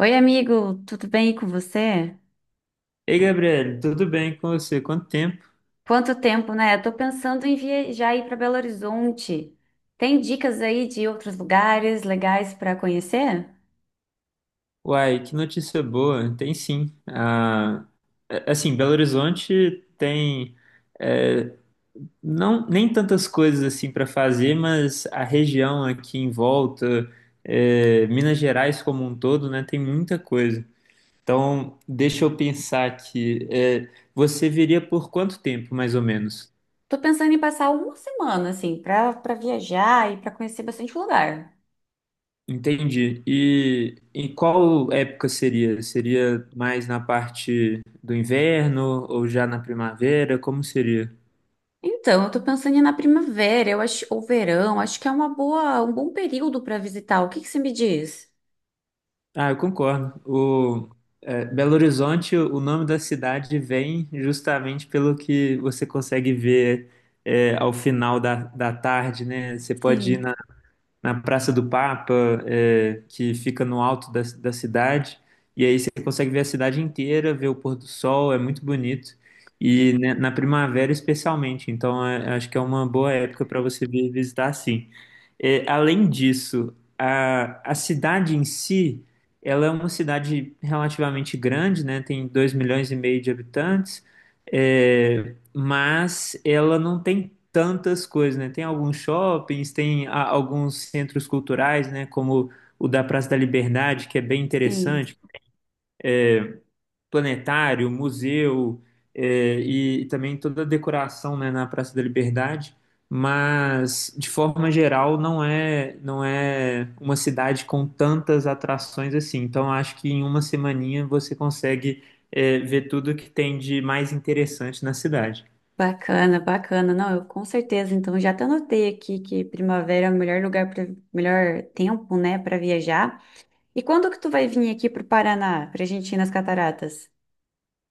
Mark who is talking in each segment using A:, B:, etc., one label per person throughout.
A: Oi, amigo, tudo bem com você?
B: Ei, Gabriel, tudo bem com você? Quanto tempo?
A: Quanto tempo, né? Eu tô pensando em viajar aí para Belo Horizonte. Tem dicas aí de outros lugares legais para conhecer?
B: Uai, que notícia boa. Tem sim. Ah, assim, Belo Horizonte tem é, não nem tantas coisas assim para fazer, mas a região aqui em volta, Minas Gerais como um todo, né, tem muita coisa. Então, deixa eu pensar aqui. Você viria por quanto tempo, mais ou menos?
A: Tô pensando em passar uma semana assim para viajar e para conhecer bastante lugar.
B: Entendi. E em qual época seria? Seria mais na parte do inverno ou já na primavera? Como seria?
A: Então, eu tô pensando em ir na primavera, eu acho, ou verão, acho que é uma boa, um bom período para visitar. O que que você me diz?
B: Ah, eu concordo. Belo Horizonte, o nome da cidade vem justamente pelo que você consegue ver ao final da tarde, né? Você pode ir
A: Sim,
B: na Praça do Papa, que fica no alto da cidade. E aí você consegue ver a cidade inteira, ver o pôr do sol, é muito bonito. E né, na primavera, especialmente. Então, acho que é uma boa época para você vir visitar, sim. Além disso, a cidade em si, ela é uma cidade relativamente grande, né? Tem 2,5 milhões de habitantes, mas ela não tem tantas coisas, né? Tem alguns shoppings, tem alguns centros culturais, né? Como o da Praça da Liberdade, que é bem
A: sim.
B: interessante, planetário, museu, e também toda a decoração, né, na Praça da Liberdade, mas de forma geral não é não é uma cidade com tantas atrações assim. Então acho que em uma semaninha você consegue ver tudo que tem de mais interessante na cidade.
A: Bacana, bacana. Não, eu com certeza. Então, já até anotei aqui que primavera é o melhor lugar para melhor tempo, né, para viajar. E quando que tu vai vir aqui para o Paraná, para a gente ir nas cataratas?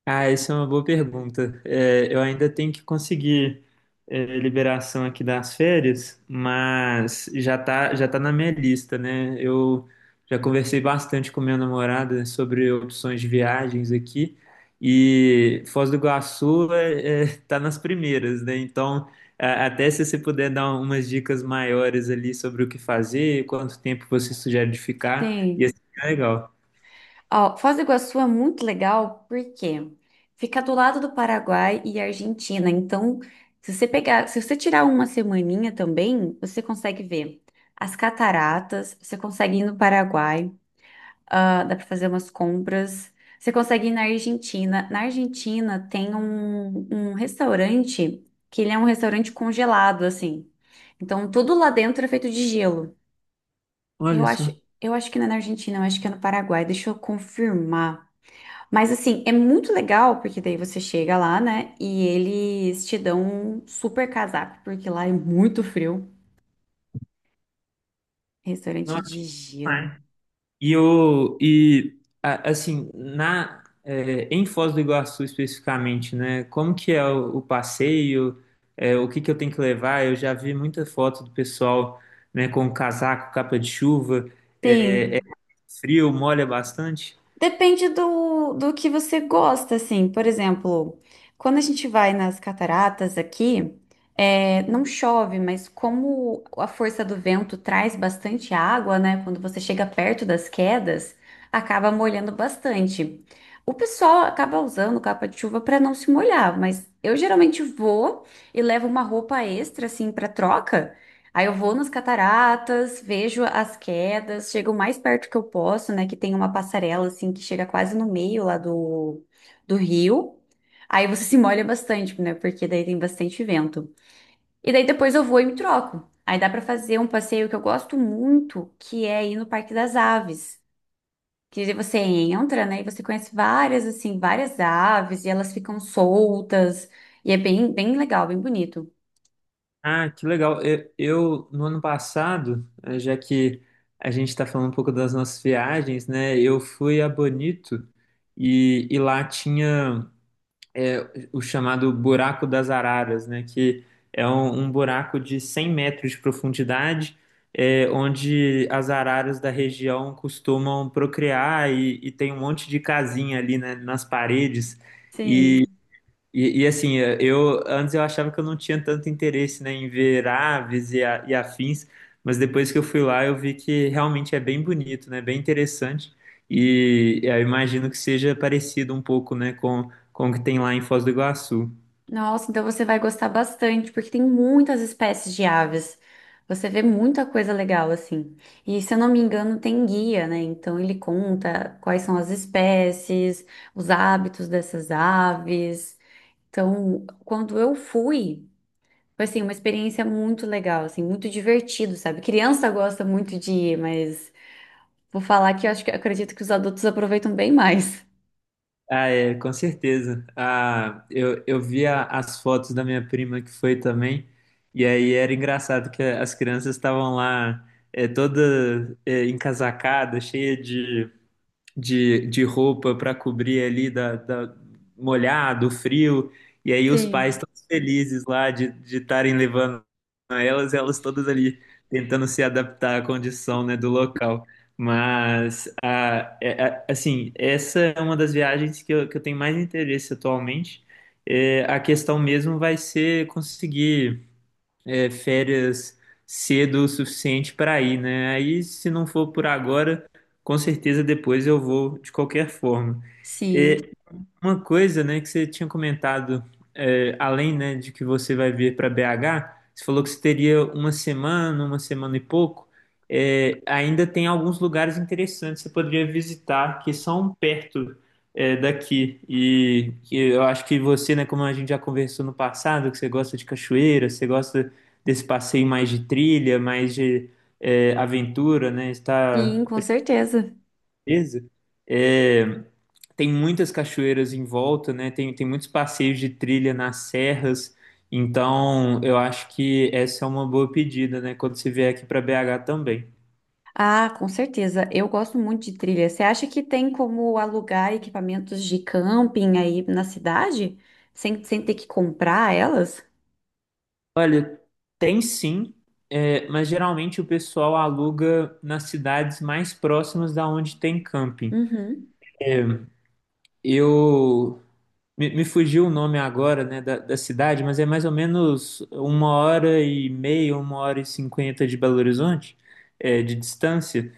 B: Ah, isso é uma boa pergunta. Eu ainda tenho que conseguir liberação aqui das férias, mas já tá na minha lista, né? Eu já conversei bastante com minha namorada sobre opções de viagens aqui e Foz do Iguaçu tá nas primeiras, né? Então, até se você puder dar umas dicas maiores ali sobre o que fazer, quanto tempo você sugere de ficar, ia
A: Sim.
B: ser legal.
A: Ó, Foz do Iguaçu é muito legal porque fica do lado do Paraguai e Argentina. Então, se você pegar, se você tirar uma semaninha também, você consegue ver as cataratas, você consegue ir no Paraguai. Ah, dá para fazer umas compras. Você consegue ir na Argentina. Na Argentina tem um, um restaurante que ele é um restaurante congelado, assim. Então tudo lá dentro é feito de gelo. Eu
B: Olha
A: acho,
B: só.
A: eu acho que não é na Argentina, eu acho que é no Paraguai. Deixa eu confirmar. Mas assim, é muito legal porque daí você chega lá, né? E eles te dão um super casaco, porque lá é muito frio. Restaurante
B: Nossa,
A: de gelo.
B: e assim, em Foz do Iguaçu especificamente, né? Como que é o passeio? O que que eu tenho que levar? Eu já vi muita foto do pessoal, né, com casaco, capa de chuva, é
A: Tem.
B: frio, molha bastante.
A: Depende do, do que você gosta, assim. Por exemplo, quando a gente vai nas cataratas aqui, não chove, mas como a força do vento traz bastante água, né? Quando você chega perto das quedas, acaba molhando bastante. O pessoal acaba usando capa de chuva para não se molhar, mas eu geralmente vou e levo uma roupa extra, assim, para troca. Aí eu vou nas cataratas, vejo as quedas, chego o mais perto que eu posso, né? Que tem uma passarela assim que chega quase no meio lá do, do rio. Aí você se molha bastante, né? Porque daí tem bastante vento. E daí depois eu vou e me troco. Aí dá pra fazer um passeio que eu gosto muito, que é ir no Parque das Aves. Que daí você entra, né? E você conhece várias, assim, várias aves e elas ficam soltas. E é bem, bem legal, bem bonito.
B: Ah, que legal. No ano passado, já que a gente está falando um pouco das nossas viagens, né? Eu fui a Bonito e lá tinha é, o chamado Buraco das Araras, né? Que é um buraco de 100 metros de profundidade, onde as araras da região costumam procriar e tem um monte de casinha ali, né, nas paredes.
A: Sim.
B: E, assim, eu antes eu achava que eu não tinha tanto interesse, né, em ver aves e afins, mas depois que eu fui lá eu vi que realmente é bem bonito, né, bem interessante. E eu imagino que seja parecido um pouco, né, com o que tem lá em Foz do Iguaçu.
A: Nossa, então você vai gostar bastante, porque tem muitas espécies de aves. Você vê muita coisa legal assim. E se eu não me engano, tem guia, né? Então ele conta quais são as espécies, os hábitos dessas aves. Então, quando eu fui, foi assim, uma experiência muito legal, assim, muito divertido, sabe? Criança gosta muito de ir, mas vou falar que eu acho que acredito que os adultos aproveitam bem mais.
B: Ah, é, com certeza. Ah, eu vi as fotos da minha prima que foi também, e aí era engraçado que as crianças estavam lá toda encasacada, cheia de roupa para cobrir ali da molhado, frio, e aí os pais
A: Sim,
B: todos felizes lá de estarem levando elas todas ali tentando se adaptar à condição, né, do local. Mas assim, essa é uma das viagens que eu tenho mais interesse atualmente. A questão mesmo vai ser conseguir férias cedo o suficiente para ir, né? Aí, se não for por agora, com certeza depois eu vou de qualquer forma.
A: sim,
B: Uma coisa, né, que você tinha comentado, além, né, de que você vai vir para BH, você falou que você teria uma semana e pouco. Ainda tem alguns lugares interessantes que você poderia visitar que são perto, daqui. E que eu acho que você, né, como a gente já conversou no passado, que você gosta de cachoeira, você gosta desse passeio mais de trilha, mais de aventura, né, está
A: sim, com certeza.
B: beleza? É, Tem muitas cachoeiras em volta, né? Tem muitos passeios de trilha nas serras. Então, eu acho que essa é uma boa pedida, né? Quando você vier aqui para BH também.
A: Ah, com certeza. Eu gosto muito de trilha. Você acha que tem como alugar equipamentos de camping aí na cidade? Sem, sem ter que comprar elas?
B: Olha, tem sim, mas geralmente o pessoal aluga nas cidades mais próximas da onde tem camping.
A: Uhum.
B: Eu me fugiu o nome agora, né, da cidade, mas é mais ou menos uma hora e meia, uma hora e cinquenta de Belo Horizonte, de distância.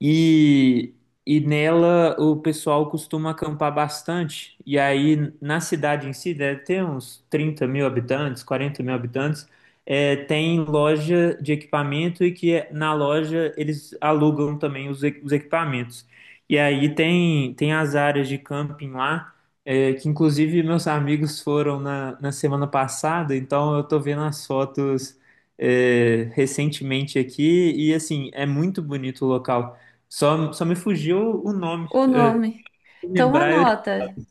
B: E, e nela o pessoal costuma acampar bastante. E aí na cidade em si, deve ter uns 30 mil habitantes, 40 mil habitantes, tem loja de equipamento e que na loja eles alugam também os equipamentos. E aí tem as áreas de camping lá, que inclusive meus amigos foram na semana passada, então eu tô vendo as fotos. Recentemente aqui e assim é muito bonito o local. Só me fugiu o nome.
A: O nome.
B: Se
A: Então
B: lembrar, eu
A: anota.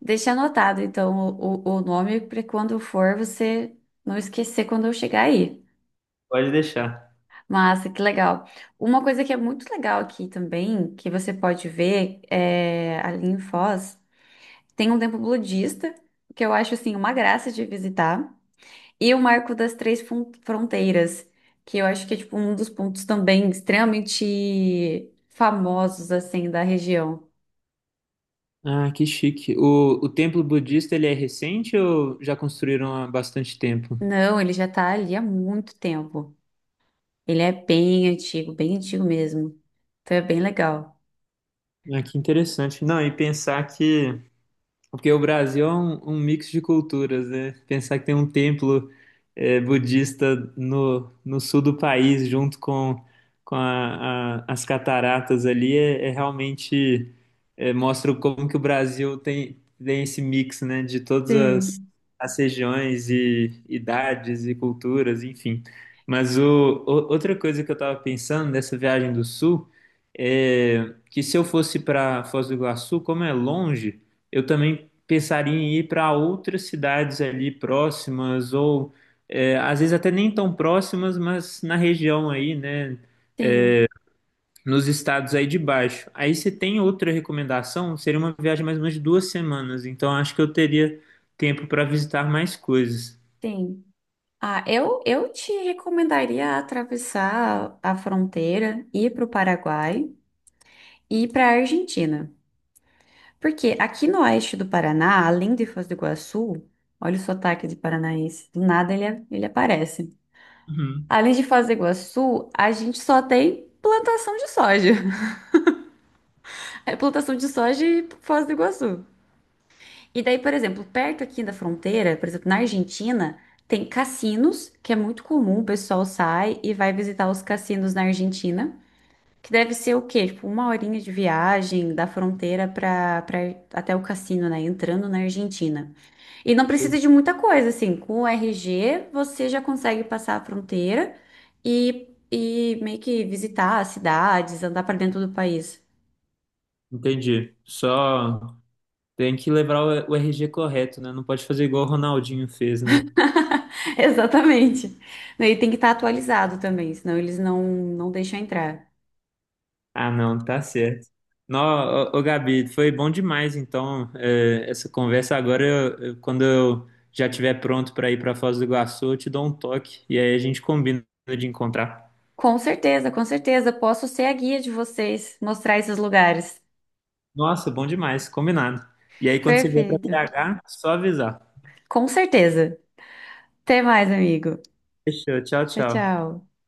A: Deixa anotado, então, o nome para quando for você não esquecer quando eu chegar aí.
B: pode deixar.
A: Massa, que legal. Uma coisa que é muito legal aqui também, que você pode ver, é, ali em Foz, tem um templo budista, que eu acho, assim, uma graça de visitar. E o marco das três fronteiras, que eu acho que é tipo um dos pontos também extremamente famosos assim da região.
B: Ah, que chique. O templo budista, ele é recente ou já construíram há bastante tempo?
A: Não, ele já tá ali há muito tempo. Ele é bem antigo mesmo. Então é bem legal.
B: Ah, que interessante. Não, e pensar que, porque o Brasil é um mix de culturas, né? Pensar que tem um templo budista no sul do país, junto com as cataratas ali, realmente mostra como que o Brasil tem esse mix, né? De todas as,
A: Sim,
B: as regiões e idades e culturas, enfim. Mas outra coisa que eu estava pensando nessa viagem do sul é que se eu fosse para Foz do Iguaçu, como é longe. Eu também pensaria em ir para outras cidades ali próximas, ou às vezes até nem tão próximas, mas na região aí, né?
A: sim,
B: Nos estados aí de baixo. Aí você tem outra recomendação? Seria uma viagem mais ou menos de duas semanas, então acho que eu teria tempo para visitar mais coisas.
A: sim. Ah, eu te recomendaria atravessar a fronteira, ir para o Paraguai e ir para a Argentina. Porque aqui no oeste do Paraná, além de Foz do Iguaçu, olha o sotaque de paranaense, do nada ele aparece.
B: Uhum.
A: Além de Foz do Iguaçu, a gente só tem plantação de soja. É plantação de soja e Foz do Iguaçu. E daí, por exemplo, perto aqui da fronteira, por exemplo, na Argentina, tem cassinos, que é muito comum, o pessoal sai e vai visitar os cassinos na Argentina. Que deve ser o quê? Tipo, uma horinha de viagem da fronteira para até o cassino, né? Entrando na Argentina. E não precisa de muita coisa, assim, com o RG você já consegue passar a fronteira e, meio que visitar as cidades, andar para dentro do país.
B: Entendi. Só tem que levar o RG correto, né? Não pode fazer igual o Ronaldinho fez, né?
A: Exatamente. E tem que estar atualizado também, senão eles não deixam entrar.
B: Ah, não, tá certo. Nó, ô, ô, Gabi, foi bom demais, então, essa conversa. Agora, quando eu já estiver pronto para ir para Foz do Iguaçu, eu te dou um toque e aí a gente combina de encontrar.
A: Com certeza, com certeza. Posso ser a guia de vocês, mostrar esses lugares.
B: Nossa, bom demais, combinado. E aí, quando você vier para
A: Perfeito.
B: BH, só avisar.
A: Com certeza. Até mais, amigo.
B: Fechou, tchau,
A: Tchau,
B: tchau.
A: tchau.